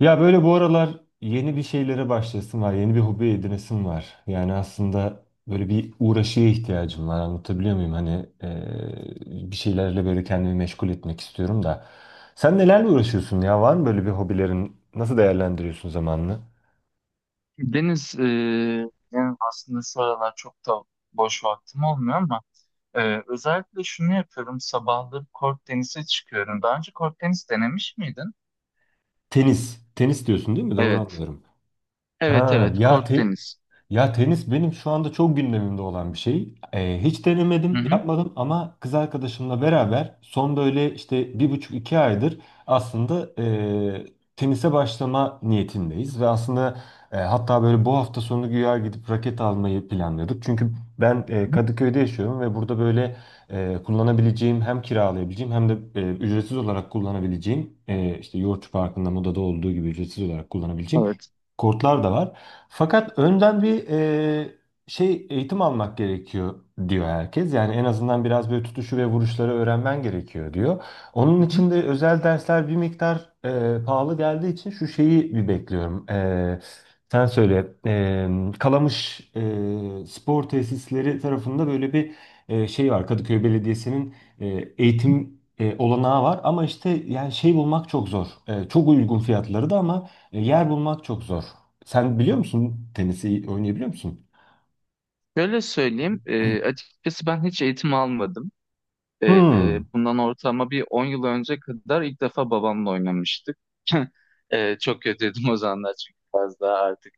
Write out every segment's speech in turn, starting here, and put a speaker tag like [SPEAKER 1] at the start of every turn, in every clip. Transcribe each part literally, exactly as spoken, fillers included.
[SPEAKER 1] Ya böyle bu aralar yeni bir şeylere başlasın var, yeni bir hobi edinesim var. Yani aslında böyle bir uğraşıya ihtiyacım var. Anlatabiliyor muyum? Hani eee, bir şeylerle böyle kendimi meşgul etmek istiyorum da. Sen nelerle uğraşıyorsun ya? Var mı böyle bir hobilerin? Nasıl değerlendiriyorsun zamanını?
[SPEAKER 2] Deniz, eee, yani aslında şu aralar çok da boş vaktim olmuyor ama eee, özellikle şunu yapıyorum. Sabahları kort tenise çıkıyorum. Daha önce kort tenis denemiş miydin?
[SPEAKER 1] Tenis. Tenis diyorsun değil mi? Doğru
[SPEAKER 2] Evet.
[SPEAKER 1] anlıyorum.
[SPEAKER 2] Evet,
[SPEAKER 1] Ha
[SPEAKER 2] evet,
[SPEAKER 1] ya
[SPEAKER 2] kort
[SPEAKER 1] te
[SPEAKER 2] tenis.
[SPEAKER 1] Ya tenis benim şu anda çok gündemimde olan bir şey. Ee, hiç
[SPEAKER 2] Hı
[SPEAKER 1] denemedim,
[SPEAKER 2] hı.
[SPEAKER 1] yapmadım ama kız arkadaşımla beraber son böyle işte bir buçuk iki aydır aslında ee, tenise başlama niyetindeyiz. Ve aslında ee, hatta böyle bu hafta sonu güya gidip raket almayı planlıyorduk. Çünkü ben ee, Kadıköy'de yaşıyorum ve burada böyle ee, kullanabileceğim, hem kiralayabileceğim hem de ee, ücretsiz olarak kullanabileceğim, ee, işte Yoğurtçu Parkı'nda, Moda'da olduğu gibi ücretsiz olarak kullanabileceğim
[SPEAKER 2] Evet.
[SPEAKER 1] kortlar da var. Fakat önden bir e, şey, eğitim almak gerekiyor diyor herkes. Yani en azından biraz böyle tutuşu ve vuruşları öğrenmen gerekiyor diyor. Onun
[SPEAKER 2] Hı hı.
[SPEAKER 1] için de özel dersler bir miktar e, pahalı geldiği için şu şeyi bir bekliyorum. E, sen söyle. E, Kalamış e, spor tesisleri tarafında böyle bir e, şey var. Kadıköy Belediyesi'nin e, eğitim e, olanağı var ama işte yani şey bulmak çok zor. E, çok uygun fiyatları da ama e, Yer bulmak çok zor. Sen biliyor musun, tenisi oynayabiliyor musun?
[SPEAKER 2] Şöyle söyleyeyim, eee, açıkçası ben hiç eğitim almadım. Ee,
[SPEAKER 1] Hmm.
[SPEAKER 2] bundan ortalama bir on yıl önce kadar ilk defa babamla oynamıştık. Ee, çok kötüydüm o zamanlar çünkü biraz daha artık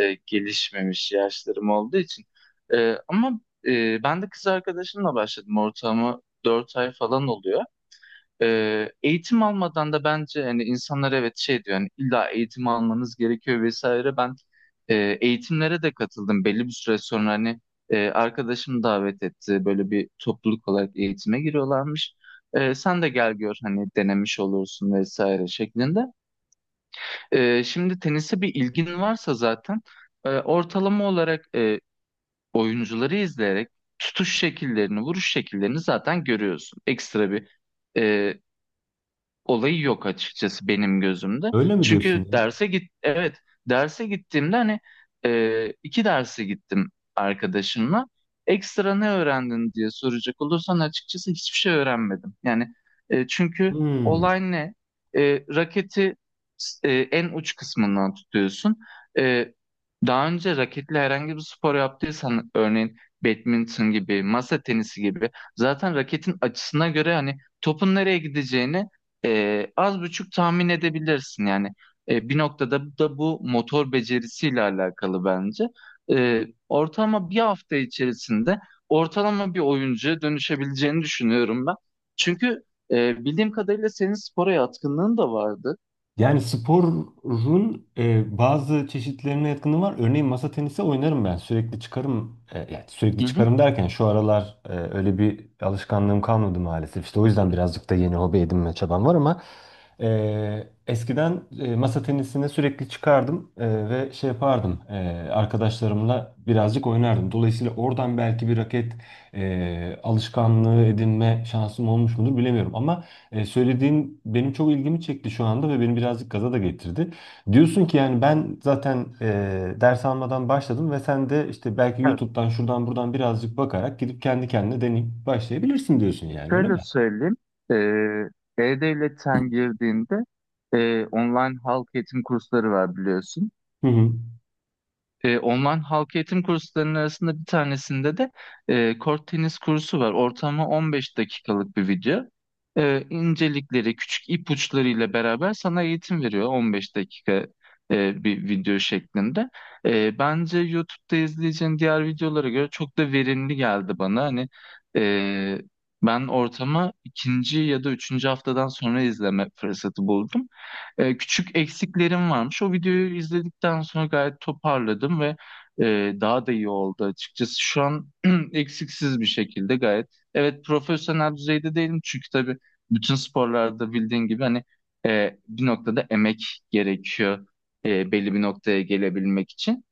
[SPEAKER 2] e, gelişmemiş yaşlarım olduğu için. Ee, ama e, ben de kız arkadaşımla başladım ortalama dört ay falan oluyor. Ee, eğitim almadan da bence hani insanlar evet şey diyor hani illa eğitim almanız gerekiyor vesaire. Ben e, eğitimlere de katıldım belli bir süre sonra hani e, arkadaşım davet etti böyle bir topluluk olarak eğitime giriyorlarmış. E, sen de gel gör hani denemiş olursun vesaire şeklinde. E, şimdi tenise bir ilgin varsa zaten e, ortalama olarak e, oyuncuları izleyerek tutuş şekillerini, vuruş şekillerini zaten görüyorsun. Ekstra bir e, olayı yok açıkçası benim gözümde.
[SPEAKER 1] Öyle mi
[SPEAKER 2] Çünkü
[SPEAKER 1] diyorsun?
[SPEAKER 2] derse git, evet, derse gittiğimde hani e, iki derse gittim arkadaşımla. Ekstra ne öğrendin diye soracak olursan açıkçası hiçbir şey öğrenmedim. Yani e, çünkü
[SPEAKER 1] Hmm.
[SPEAKER 2] olay ne? E, raketi e, en uç kısmından tutuyorsun. E, Daha önce raketle herhangi bir spor yaptıysan örneğin badminton gibi, masa tenisi gibi, zaten raketin açısına göre hani topun nereye gideceğini e, az buçuk tahmin edebilirsin yani. E, bir noktada da bu motor becerisiyle alakalı bence. E, ortalama bir hafta içerisinde ortalama bir oyuncuya dönüşebileceğini düşünüyorum ben. Çünkü e, bildiğim kadarıyla senin spora yatkınlığın da vardı.
[SPEAKER 1] Yani sporun e, bazı çeşitlerine yatkınlığım var. Örneğin masa tenisi oynarım ben. Sürekli çıkarım. E, yani
[SPEAKER 2] Hı
[SPEAKER 1] sürekli
[SPEAKER 2] hı.
[SPEAKER 1] çıkarım derken şu aralar e, öyle bir alışkanlığım kalmadı maalesef. İşte o yüzden birazcık da yeni hobi edinme çabam var ama e, eskiden e, masa tenisine sürekli çıkardım e, ve şey yapardım. E, arkadaşlarımla birazcık oynardım. Dolayısıyla oradan belki bir raket e, alışkanlığı edinme şansım olmuş mudur bilemiyorum ama e, söylediğin benim çok ilgimi çekti şu anda ve beni birazcık gaza da getirdi. Diyorsun ki yani ben zaten e, ders almadan başladım ve sen de işte belki
[SPEAKER 2] Evet,
[SPEAKER 1] YouTube'dan şuradan buradan birazcık bakarak gidip kendi kendine deneyip başlayabilirsin diyorsun, yani öyle
[SPEAKER 2] şöyle
[SPEAKER 1] mi?
[SPEAKER 2] söyleyeyim. E, E-Devlet'ten girdiğinde e, online halk eğitim kursları var biliyorsun.
[SPEAKER 1] Hı hı.
[SPEAKER 2] E, online halk eğitim kurslarının arasında bir tanesinde de e, kort tenis kursu var. Ortamı on beş dakikalık bir video. E, incelikleri, küçük ipuçlarıyla beraber sana eğitim veriyor on beş dakika e, bir video şeklinde. E, bence YouTube'da izleyeceğin diğer videolara göre çok da verimli geldi bana. Hani e, ben ortama ikinci ya da üçüncü haftadan sonra izleme fırsatı buldum, e, küçük eksiklerim varmış. O videoyu izledikten sonra gayet toparladım ve e, daha da iyi oldu açıkçası. Şu an eksiksiz bir şekilde gayet. Evet, profesyonel düzeyde değilim çünkü tabii bütün sporlarda bildiğin gibi hani e, bir noktada emek gerekiyor e, belli bir noktaya gelebilmek için.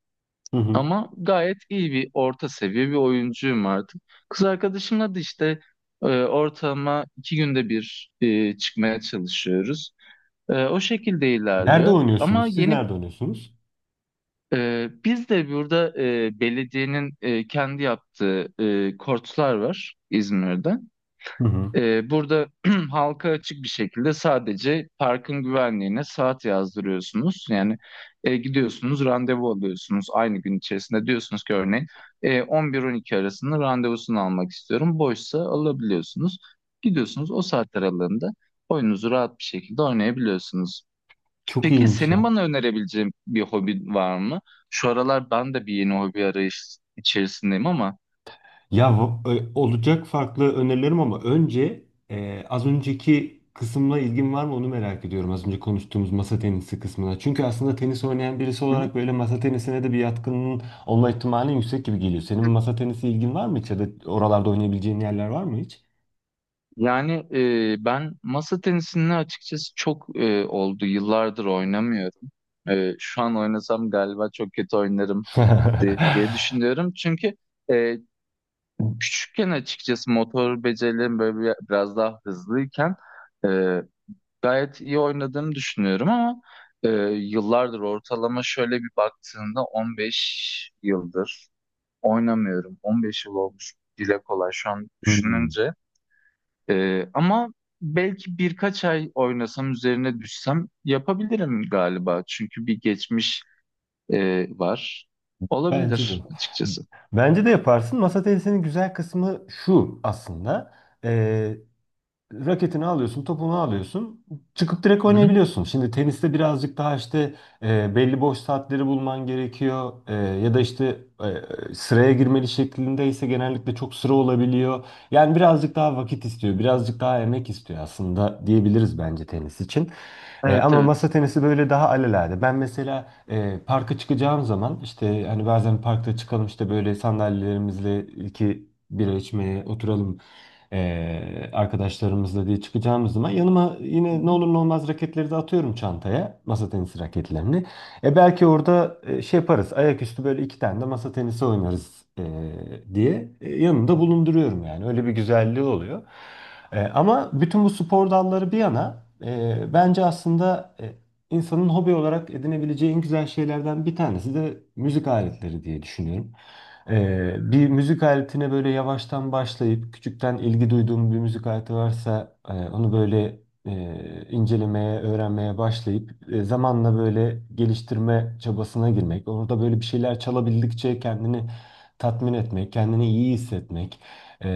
[SPEAKER 1] Hı hı.
[SPEAKER 2] Ama gayet iyi bir orta seviye bir oyuncuyum artık. Kız arkadaşımla da işte e, ortalama iki günde bir e, çıkmaya çalışıyoruz. Ee, o şekilde
[SPEAKER 1] Nerede
[SPEAKER 2] ilerliyor. Ama
[SPEAKER 1] oynuyorsunuz? Siz
[SPEAKER 2] yeni
[SPEAKER 1] nerede oynuyorsunuz?
[SPEAKER 2] e, biz de burada e, belediyenin e, kendi yaptığı e, kortlar var İzmir'de.
[SPEAKER 1] Hı hı.
[SPEAKER 2] E, burada halka açık bir şekilde sadece parkın güvenliğine saat yazdırıyorsunuz. Yani e, gidiyorsunuz, randevu alıyorsunuz aynı gün içerisinde. Diyorsunuz ki örneğin e, on bir on iki arasında randevusunu almak istiyorum. Boşsa alabiliyorsunuz. Gidiyorsunuz o saatler aralığında oyununuzu rahat bir şekilde oynayabiliyorsunuz.
[SPEAKER 1] Çok
[SPEAKER 2] Peki
[SPEAKER 1] iyiymiş
[SPEAKER 2] senin
[SPEAKER 1] ya.
[SPEAKER 2] bana önerebileceğin bir hobi var mı? Şu aralar ben de bir yeni hobi arayış içerisindeyim ama...
[SPEAKER 1] Ya v- ö- olacak farklı önerilerim ama önce e, az önceki kısımla ilgin var mı onu merak ediyorum. Az önce konuştuğumuz masa tenisi kısmına. Çünkü aslında tenis oynayan birisi
[SPEAKER 2] Hı hı.
[SPEAKER 1] olarak böyle masa tenisine de bir yatkınlığın olma ihtimali yüksek gibi geliyor. Senin masa tenisi ilgin var mı hiç, ya da oralarda oynayabileceğin yerler var mı hiç?
[SPEAKER 2] Yani e, ben masa tenisini açıkçası çok e, oldu. Yıllardır oynamıyorum. E, şu an oynasam galiba çok kötü oynarım de- diye düşünüyorum. Çünkü e, küçükken açıkçası motor becerilerim böyle bir- biraz daha hızlıyken gayet iyi oynadığımı düşünüyorum ama e, yıllardır ortalama şöyle bir baktığında on beş yıldır oynamıyorum. on beş yıl olmuş, dile kolay şu an
[SPEAKER 1] Hmm.
[SPEAKER 2] düşününce. E, ama belki birkaç ay oynasam üzerine düşsem yapabilirim galiba. Çünkü bir geçmiş e, var.
[SPEAKER 1] Bence
[SPEAKER 2] Olabilir
[SPEAKER 1] de.
[SPEAKER 2] açıkçası.
[SPEAKER 1] Bence de yaparsın. Masa tenisinin güzel kısmı şu aslında. raketini alıyorsun, topunu alıyorsun, çıkıp direkt
[SPEAKER 2] Hı hı.
[SPEAKER 1] oynayabiliyorsun. Şimdi teniste birazcık daha işte e, belli boş saatleri bulman gerekiyor. E, ya da işte e, sıraya girmeli şeklinde ise, genellikle çok sıra olabiliyor. Yani birazcık daha vakit istiyor, birazcık daha emek istiyor aslında diyebiliriz bence tenis için. E,
[SPEAKER 2] Evet,
[SPEAKER 1] ama
[SPEAKER 2] evet.
[SPEAKER 1] masa tenisi böyle daha alelade. Ben mesela e, parka çıkacağım zaman, işte hani bazen parkta çıkalım, işte böyle sandalyelerimizle iki bira içmeye oturalım ee, arkadaşlarımızla diye çıkacağımız zaman yanıma
[SPEAKER 2] Hı
[SPEAKER 1] yine ne
[SPEAKER 2] hı.
[SPEAKER 1] olur ne olmaz raketleri de atıyorum çantaya. Masa tenisi raketlerini. E belki orada e, şey yaparız. Ayaküstü böyle iki tane de masa tenisi oynarız e, diye e, yanımda bulunduruyorum yani. Öyle bir güzelliği oluyor. E, ama bütün bu spor dalları bir yana, e, bence aslında e, insanın hobi olarak edinebileceği en güzel şeylerden bir tanesi de müzik aletleri diye düşünüyorum. Ee, bir müzik aletine böyle yavaştan başlayıp, küçükten ilgi duyduğum bir müzik aleti varsa e, onu böyle e, incelemeye, öğrenmeye başlayıp e, zamanla böyle geliştirme çabasına girmek. Orada böyle bir şeyler çalabildikçe kendini tatmin etmek, kendini iyi hissetmek e,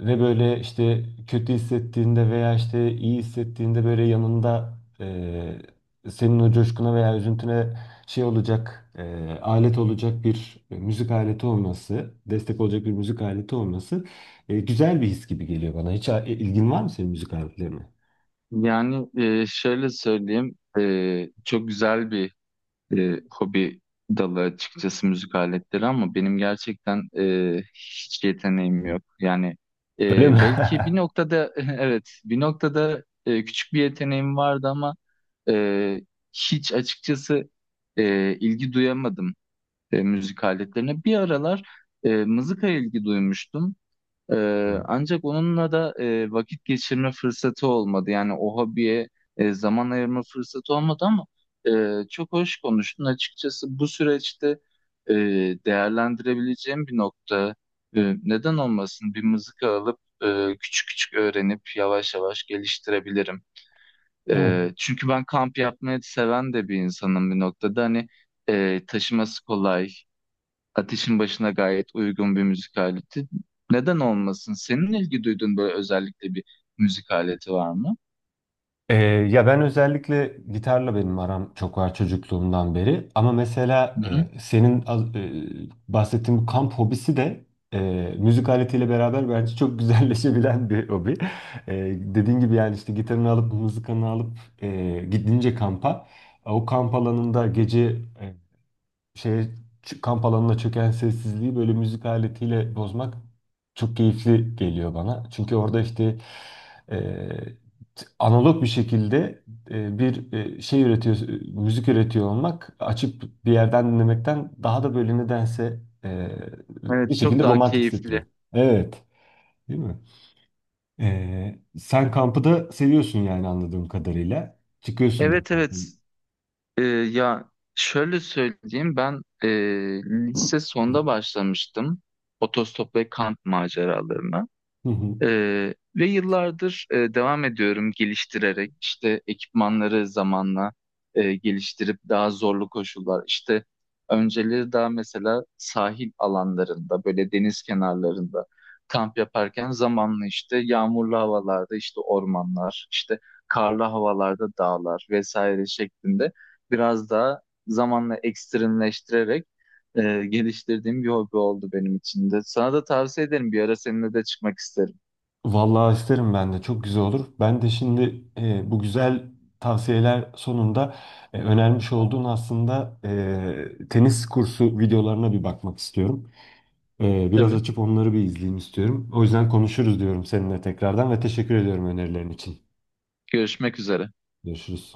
[SPEAKER 1] ve böyle işte kötü hissettiğinde veya işte iyi hissettiğinde böyle yanında, e, senin o coşkuna veya üzüntüne şey olacak, e, alet olacak bir e, müzik aleti olması, destek olacak bir müzik aleti olması e, güzel bir his gibi geliyor bana. Hiç a- ilgin var mı senin müzik aletlerine?
[SPEAKER 2] Yani e, şöyle söyleyeyim, e, çok güzel bir e, hobi dalı açıkçası müzik aletleri ama benim gerçekten e, hiç yeteneğim yok. Yani
[SPEAKER 1] Öyle mi?
[SPEAKER 2] e, belki bir noktada evet, bir noktada e, küçük bir yeteneğim vardı ama e, hiç açıkçası e, ilgi duyamadım e, müzik aletlerine. Bir aralar e, mızıkaya ilgi duymuştum. Ee, ancak onunla da e, vakit geçirme fırsatı olmadı. Yani o hobiye e, zaman ayırma fırsatı olmadı ama e, çok hoş konuştun. Açıkçası bu süreçte e, değerlendirebileceğim bir nokta. E, neden olmasın? Bir mızıka alıp e, küçük küçük öğrenip yavaş yavaş geliştirebilirim.
[SPEAKER 1] Evet.
[SPEAKER 2] E, çünkü ben kamp yapmayı seven de bir insanım bir noktada. Hani e, taşıması kolay. Ateşin başına gayet uygun bir müzik aleti. Neden olmasın? Senin ilgi duyduğun böyle özellikle bir müzik aleti var mı?
[SPEAKER 1] Ee, ya ben özellikle gitarla benim aram çok var çocukluğumdan beri. Ama mesela
[SPEAKER 2] Hı hı.
[SPEAKER 1] e, senin az- e, bahsettiğin bu kamp hobisi de e, müzik aletiyle beraber bence çok güzelleşebilen bir hobi. E, dediğin gibi yani, işte gitarını alıp, mızıkanı alıp e, gidince kampa, o kamp alanında gece e, şeye çı- kamp alanına çöken sessizliği böyle müzik aletiyle bozmak çok keyifli geliyor bana. Çünkü orada işte e, t- analog bir şekilde e, bir e, şey üretiyor, e, müzik üretiyor olmak, açıp bir yerden dinlemekten daha da böyle nedense e, bir
[SPEAKER 2] Evet, çok
[SPEAKER 1] şekilde
[SPEAKER 2] daha
[SPEAKER 1] romantik hissettiriyor.
[SPEAKER 2] keyifli.
[SPEAKER 1] Evet, değil mi? E, sen kampı da seviyorsun yani, anladığım kadarıyla. Çıkıyorsun da
[SPEAKER 2] Evet,
[SPEAKER 1] kampı.
[SPEAKER 2] evet. Ee, ya şöyle söyleyeyim, ben e, lise sonda başlamıştım otostop ve kamp maceralarına. Ee, ve yıllardır e, devam ediyorum, geliştirerek işte ekipmanları zamanla, e, geliştirip daha zorlu koşullar, işte önceleri daha mesela sahil alanlarında böyle deniz kenarlarında kamp yaparken, zamanla işte yağmurlu havalarda işte ormanlar, işte karlı havalarda dağlar vesaire şeklinde biraz daha zamanla ekstremleştirerek e, geliştirdiğim bir hobi oldu benim için de. Sana da tavsiye ederim, bir ara seninle de çıkmak isterim.
[SPEAKER 1] Vallahi isterim, ben de çok güzel olur. Ben de şimdi e, bu güzel tavsiyeler sonunda e, önermiş olduğun aslında e, tenis kursu videolarına bir bakmak istiyorum. E, biraz
[SPEAKER 2] Tabii.
[SPEAKER 1] açıp onları bir izleyeyim istiyorum. O yüzden konuşuruz diyorum seninle tekrardan ve teşekkür ediyorum önerilerin için.
[SPEAKER 2] Görüşmek üzere.
[SPEAKER 1] Görüşürüz.